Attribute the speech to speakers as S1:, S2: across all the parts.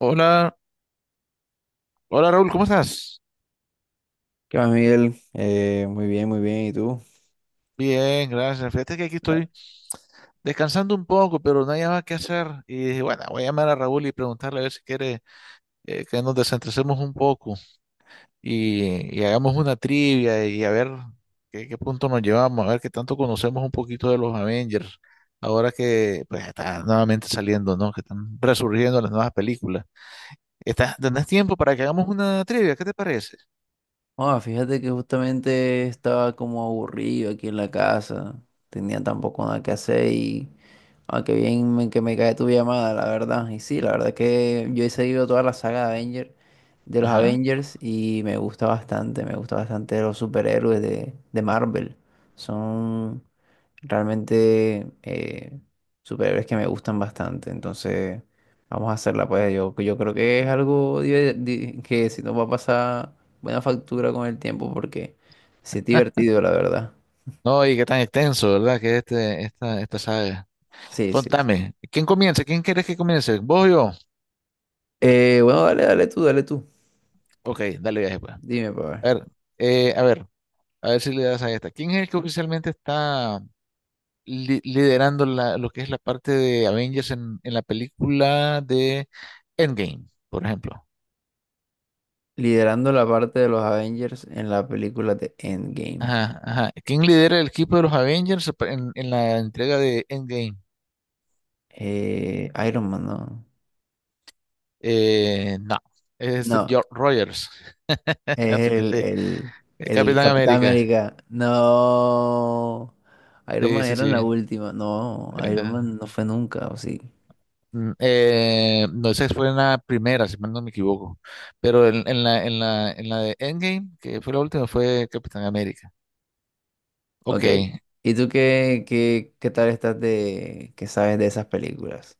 S1: Hola, hola Raúl, ¿cómo estás?
S2: ¿Qué más, Miguel? Muy bien, muy bien. ¿Y tú?
S1: Bien, gracias. Fíjate que aquí estoy descansando un poco, pero no hay nada que hacer. Y dije, bueno, voy a llamar a Raúl y preguntarle a ver si quiere que nos desentresemos un poco y hagamos una trivia y a ver qué punto nos llevamos, a ver qué tanto conocemos un poquito de los Avengers, ahora que pues está nuevamente saliendo, ¿no? Que están resurgiendo las nuevas películas. ¿Estás, tenés tiempo para que hagamos una trivia? ¿Qué te parece?
S2: Ah, fíjate que justamente estaba como aburrido aquí en la casa. Tenía tampoco nada que hacer y... Aunque bien me- que me cae tu llamada, la verdad. Y sí, la verdad es que yo he seguido toda la saga de Avenger, de los
S1: Ajá.
S2: Avengers y me gusta bastante. Me gusta bastante los superhéroes de Marvel. Son... Realmente superhéroes que me gustan bastante, entonces vamos a hacerla pues. Yo creo que es algo que si nos va a pasar buena factura con el tiempo porque sí es divertido, la verdad.
S1: No, y qué tan extenso, ¿verdad? Que es esta saga.
S2: Sí, sí, sí.
S1: Contame, ¿quién comienza? ¿Quién quieres que comience? ¿Vos o yo?
S2: Bueno, dale, dale tú, dale tú.
S1: Ok, dale viaje pues. A
S2: Dime, para ver.
S1: ver, eh, a ver, a ver si le das a esta. ¿Quién es el que oficialmente está liderando lo que es la parte de Avengers en la película de Endgame, por ejemplo?
S2: Liderando la parte de los Avengers en la película de Endgame.
S1: Ajá. ¿Quién lidera el equipo de los Avengers en la entrega de Endgame?
S2: Iron Man, no.
S1: No, es Steve
S2: No,
S1: Jo- Rogers.
S2: es
S1: Así que te,
S2: el
S1: Capitán
S2: Capitán
S1: América.
S2: América. No. Iron
S1: Sí,
S2: Man
S1: sí,
S2: era en la
S1: sí.
S2: última. No, Iron
S1: Eh,
S2: Man no fue nunca, ¿o sí?
S1: No, esa fue en la primera, si mal no me equivoco. Pero en la de Endgame, que fue la última, fue Capitán América. Ok,
S2: Ok. ¿Y tú qué, qué tal estás de, qué sabes de esas películas?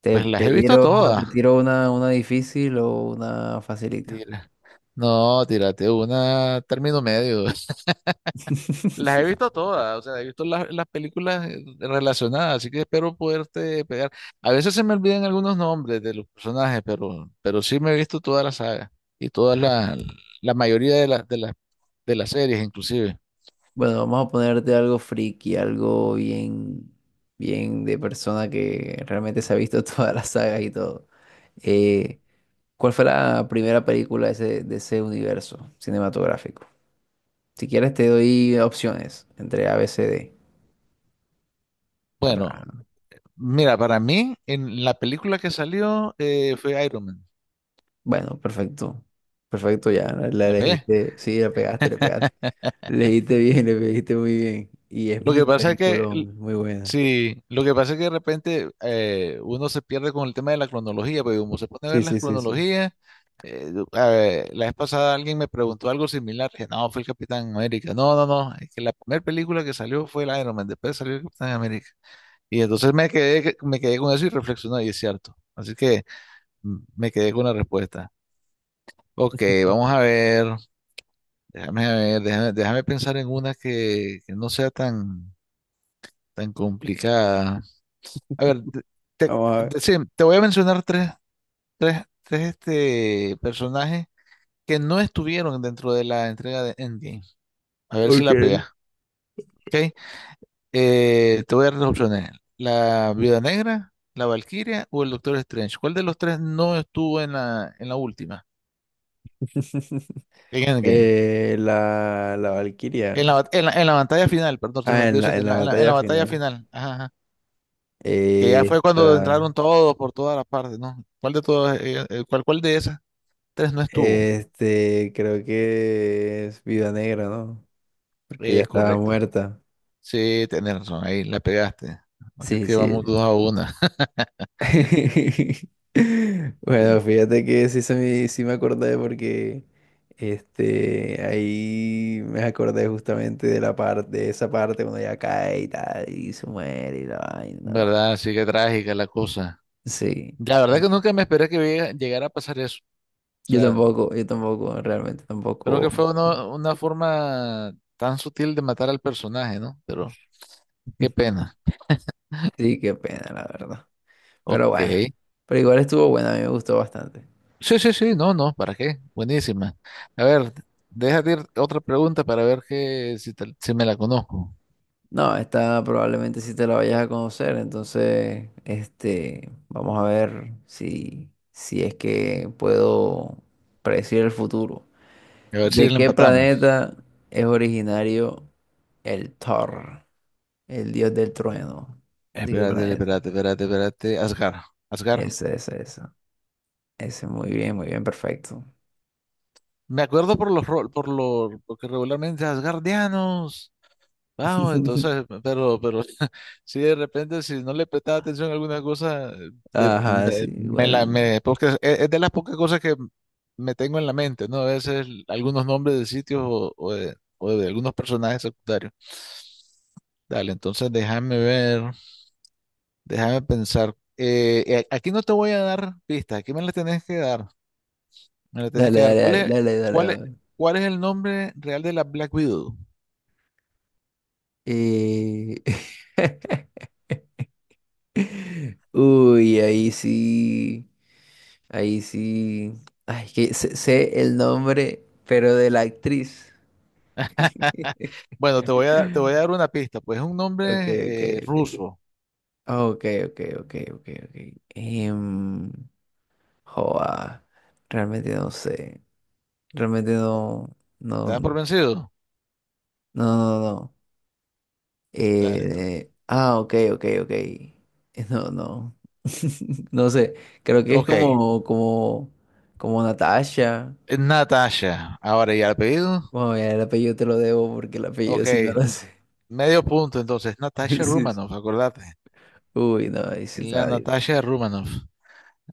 S2: ¿Te,
S1: pues las he visto
S2: te
S1: todas.
S2: tiro una difícil o una facilita?
S1: Tira. No, tírate una término medio. Las he visto todas, o sea, he visto las películas relacionadas, así que espero poderte pegar. A veces se me olvidan algunos nombres de los personajes, pero sí me he visto toda la saga y toda la mayoría de las de las series, inclusive.
S2: Bueno, vamos a ponerte algo friki, algo bien, bien de persona que realmente se ha visto todas las sagas y todo. Eh, ¿Cuál fue la primera película de de ese universo cinematográfico? Si quieres te doy opciones entre A, B, C, D.
S1: Bueno,
S2: Para...
S1: mira, para mí, en la película que salió fue Iron Man.
S2: Bueno, perfecto. Perfecto, ya la
S1: La pegué.
S2: elegiste. Sí, la pegaste, le pegaste. Leíste bien, le pegaste muy bien. Y es
S1: Lo
S2: un
S1: que pasa es que,
S2: peliculón, muy buena.
S1: sí, lo que pasa es que de repente uno se pierde con el tema de la cronología, porque como se pone a
S2: Sí,
S1: ver las
S2: sí, sí, sí.
S1: cronologías, a ver, la vez pasada alguien me preguntó algo similar, que no, fue el Capitán América. No, no, no, es que la primera película que salió fue el Iron Man, después salió el Capitán América. Y entonces me quedé, me quedé con eso y reflexioné, y es cierto. Así que me quedé con la respuesta. Ok, vamos a ver. Déjame ver, déjame, déjame pensar en una que no sea tan complicada. A ver, te-
S2: Vamos a ver.
S1: sí, te voy a mencionar tres personajes que no estuvieron dentro de la entrega de Endgame. A ver si
S2: Ok.
S1: la pegas. ¿Ok? Te voy a dar las opciones. La Viuda Negra, la Valquiria o el Doctor Strange. ¿Cuál de los tres no estuvo en en la última? En Endgame.
S2: La, la Valquiria.
S1: En la, bat- en la batalla final, perdón, se me
S2: Ah,
S1: olvidó decirte,
S2: en la
S1: en la
S2: batalla
S1: batalla
S2: final.
S1: final. Ajá, que ya
S2: Eh,
S1: fue cuando
S2: esta-
S1: entraron todos por todas las partes, ¿no? ¿Cuál de todas, cuál de esas tres no estuvo?
S2: Este, creo que es Viuda Negra, ¿no? Porque ya
S1: Es
S2: estaba
S1: correcto.
S2: muerta.
S1: Sí, tenés razón, ahí la pegaste. Así
S2: Sí,
S1: que vamos
S2: sí.
S1: dos a una.
S2: Bueno,
S1: Sí,
S2: fíjate que sí, sí me acordé porque este, ahí me acordé justamente de la parte, de esa parte cuando ella cae y tal, y se muere y la vaina. No.
S1: ¿verdad? Sí, que trágica la cosa.
S2: Sí.
S1: La verdad que nunca me esperé que llegara a pasar eso. O sea,
S2: Yo tampoco, realmente
S1: creo
S2: tampoco.
S1: que fue una forma tan sutil de matar al personaje, ¿no? Pero qué pena.
S2: Sí, qué pena, la verdad. Pero
S1: Ok.
S2: bueno, pero igual estuvo buena, a mí me gustó bastante.
S1: Sí, sí, sí, no, no, ¿para qué? Buenísima. A ver, déjate ir otra pregunta para ver que, si, te- si me la conozco.
S2: No, esta probablemente si te la vayas a conocer, entonces, este, vamos a ver si, si es que puedo predecir el futuro.
S1: A ver si
S2: ¿De
S1: la
S2: qué
S1: empatamos.
S2: planeta es originario el Thor, el dios del trueno? ¿De qué
S1: Espérate,
S2: planeta?
S1: espérate, espérate, espérate. Asgard, Asgard.
S2: Ese, ese, ese. Ese, muy bien, perfecto.
S1: Me acuerdo por los rol, por los, porque regularmente asgardianos. Vamos, entonces, pero si de repente, si no le prestaba atención a alguna cosa,
S2: Ajá, sí, igual.
S1: porque es de las pocas cosas que me tengo en la mente, ¿no? A veces algunos nombres de sitios o de algunos personajes secundarios. Dale, entonces déjame ver, déjame pensar. Aquí no te voy a dar pistas, aquí me las tenés que dar, me las tenés
S2: Dale,
S1: que dar.
S2: dale, dale, dale, dale,
S1: Cuál es,
S2: dale.
S1: ¿cuál es el nombre real de la Black Widow?
S2: Y... Uy, ahí sí, ahí sí. Ay, que sé, sé el nombre, pero de la actriz.
S1: Bueno, te voy a dar una pista, pues es un
S2: Ok, ok,
S1: nombre
S2: ok.
S1: ruso.
S2: Oh, ok, ok, ok, ok, ok. Em, Joa, realmente no sé. Realmente no, no,
S1: ¿Te das
S2: no,
S1: por vencido?
S2: no, no.
S1: Dale tú.
S2: Ok, ok, ok. No, no. No sé. Creo que es
S1: Ok,
S2: como Natasha.
S1: Natasha. Ahora, ¿y el apellido?
S2: Bueno, mira, el apellido te lo debo porque el apellido
S1: Ok,
S2: si no lo sé.
S1: medio punto entonces. Natasha
S2: Sí, sí.
S1: Romanoff, acordate.
S2: Uy, no, ahí sí
S1: La
S2: está, di-
S1: Natasha Romanoff.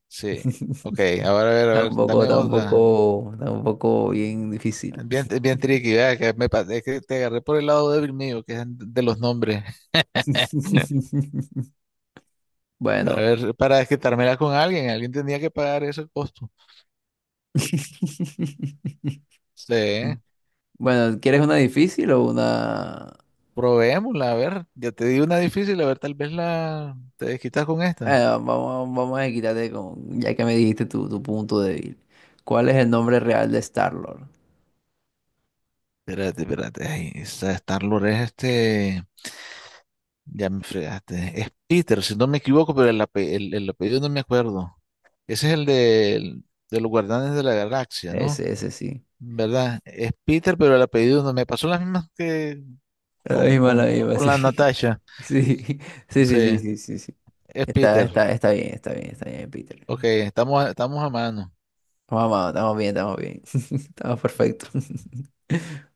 S1: Sí. Ok, ahora a
S2: está
S1: ver,
S2: un poco,
S1: dame
S2: está un
S1: otra.
S2: poco, está un poco bien difícil.
S1: Bien, bien tricky, ¿verdad? Es que te agarré por el lado débil mío, que es de los nombres. Para
S2: Bueno.
S1: ver, para desquitármela con alguien, alguien tenía que pagar ese costo. Sí.
S2: Bueno, ¿quieres una difícil o una...?
S1: Probémosla, a ver, ya te di una difícil, a ver, tal vez la te desquitas con esta.
S2: Vamos, vamos a quitarte con, ya que me dijiste tu, tu punto débil. ¿Cuál es el nombre real de Star-Lord?
S1: Espérate, espérate, ay, esa Star-Lord es este, ya me fregaste, es Peter, si no me equivoco, pero el apellido no me acuerdo. Ese es el de los Guardianes de la Galaxia, ¿no?
S2: Ese sí.
S1: ¿Verdad? Es Peter, pero el apellido no me pasó las mismas que
S2: La misma,
S1: con la
S2: sí.
S1: Natasha.
S2: Sí, sí, sí, sí,
S1: Sí,
S2: sí, sí, sí,
S1: es
S2: está,
S1: Peter.
S2: está, está bien, está bien, está bien, Peter.
S1: Ok, estamos, estamos a mano.
S2: Vamos, estamos bien, estamos bien. Estamos perfectos.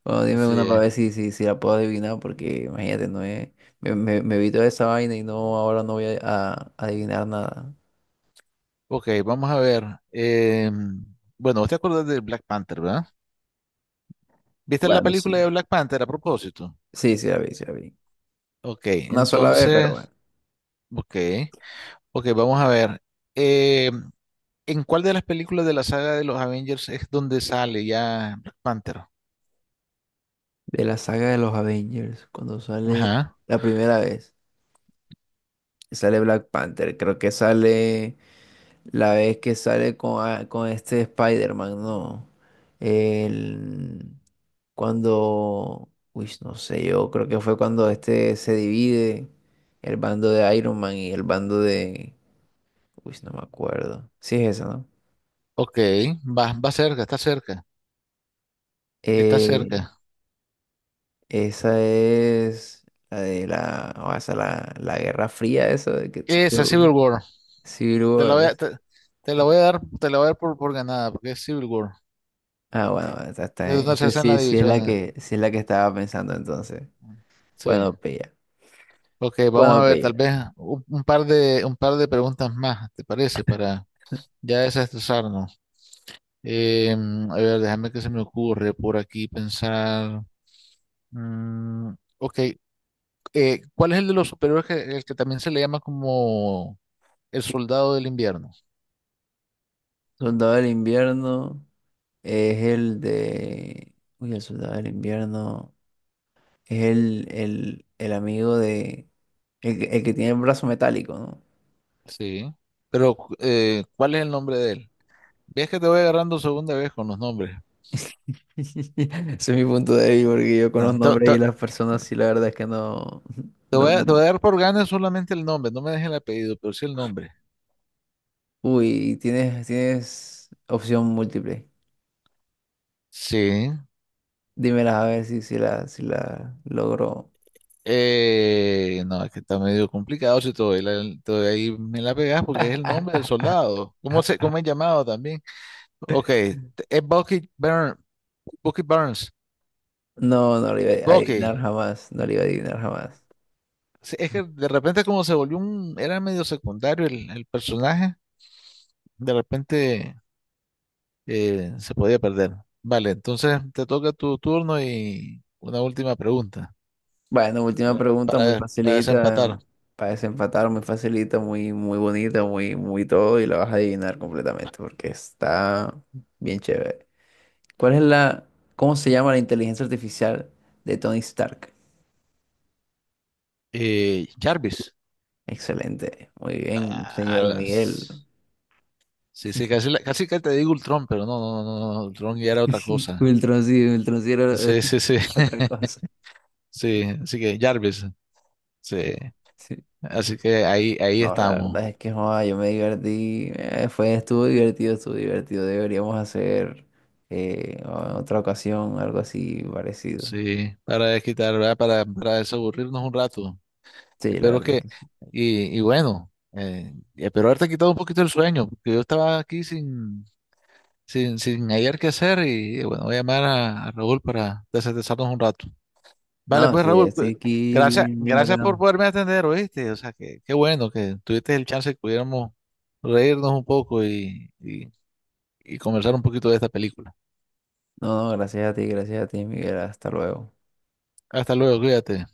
S2: Bueno, dime
S1: Así
S2: una para
S1: es.
S2: ver si, si la puedo adivinar, porque imagínate, no es. Me vi toda esa vaina y no, ahora no voy a adivinar nada.
S1: Ok, vamos a ver. eh, bueno, vos te acuerdas de Black Panther, ¿verdad? ¿Viste la
S2: Bueno, sí.
S1: película de Black Panther a propósito?
S2: Sí, sí la vi, sí la vi.
S1: Ok,
S2: Una sola vez, pero bueno.
S1: entonces, ok, ok, vamos a ver. eh, ¿En cuál de las películas de la saga de los Avengers es donde sale ya Black Panther?
S2: De la saga de los Avengers, cuando sale
S1: Ajá,
S2: la primera vez, sale Black Panther. Creo que sale la vez que sale con este Spider-Man, ¿no? El. Cuando, uy, no sé, yo creo que fue cuando este se divide el bando de Iron Man y el bando de, uy, no me acuerdo. Sí es esa, ¿no?
S1: ok, va, va cerca, está cerca, está
S2: Eh,
S1: cerca.
S2: Esa es la de la, o sea, la Guerra Fría, eso de que
S1: Esa, Civil War,
S2: Civil
S1: te la
S2: War.
S1: voy a, te, te la voy a dar, te la voy a dar por ganada, porque es Civil War.
S2: Ah, bueno,
S1: Es donde se
S2: esta
S1: hacen
S2: sí,
S1: las
S2: sí es la
S1: divisiones.
S2: que, sí es la que estaba pensando entonces.
S1: Sí.
S2: Bueno, pilla.
S1: Ok, vamos a
S2: Bueno,
S1: ver, tal
S2: pilla.
S1: vez un par un par de preguntas más, ¿te parece? Para ya desestresarnos. Em, a ver, déjame que se me ocurre por aquí pensar. Mm, ok, ¿cuál es el de los superiores que, el que también se le llama como el soldado del invierno?
S2: Soldado del Invierno es el de, uy, el Soldado del Invierno. Es el amigo de... El, el que tiene el brazo metálico, ¿no?
S1: Sí, pero ¿cuál es el nombre de él? Ves que te voy agarrando segunda vez con los nombres.
S2: Ese es mi punto de vista, porque yo con
S1: Ah,
S2: los nombres y las personas, sí, la verdad es que no... no...
S1: Te voy a dar por ganas solamente el nombre, no me dejes el apellido, pero sí el nombre.
S2: Uy, tienes, tienes opción múltiple.
S1: Sí.
S2: Dímelas a ver si, si la logro.
S1: No, es que está medio complicado si todavía, todavía ahí me la pegas porque es el nombre del soldado. ¿Cómo cómo es llamado también? Ok, es Bucky Burns. Bucky Burns.
S2: No, no lo iba a
S1: Bucky.
S2: adivinar jamás. No lo iba a adivinar jamás.
S1: Sí, es que de repente como se volvió era medio secundario el personaje, de repente se podía perder. Vale, entonces te toca tu turno y una última pregunta
S2: Bueno, última pregunta, muy
S1: para
S2: facilita,
S1: desempatar.
S2: para desempatar, muy facilita, muy, muy bonita, muy, muy todo, y la vas a adivinar completamente, porque está bien chévere. ¿Cuál es la, cómo se llama la inteligencia artificial de Tony Stark?
S1: Jarvis.
S2: Excelente, muy bien, señor Miguel.
S1: Alas. Sí, sí, casi, casi que te digo Ultron, pero no, no, no, no, no, Ultron ya era otra cosa.
S2: Wiltroncillo, Wiltroncillo era
S1: Sí, sí, sí.
S2: otra cosa.
S1: Sí, así que Jarvis. Sí.
S2: Sí.
S1: Así que ahí, ahí
S2: No, la
S1: estamos.
S2: verdad es que joda yo me divertí, estuvo divertido, estuvo divertido. Deberíamos hacer en otra ocasión algo así parecido.
S1: Sí, para desquitar, ¿verdad? Para desaburrirnos un rato.
S2: Sí, la
S1: Espero
S2: verdad es
S1: que,
S2: que sí.
S1: y bueno, espero haberte quitado un poquito el sueño, porque yo estaba aquí sin, sin, sin hallar qué hacer y bueno, voy a llamar a Raúl para desestresarnos un rato. Vale,
S2: No,
S1: pues
S2: sí,
S1: Raúl,
S2: estoy
S1: pues,
S2: aquí
S1: gracias,
S2: bien, bien
S1: gracias por
S2: bacano.
S1: poderme atender, ¿oíste? O sea, que qué bueno que tuviste el chance que pudiéramos reírnos un poco y conversar un poquito de esta película.
S2: No, no, gracias a ti, Miguel. Hasta luego.
S1: Hasta luego, cuídate.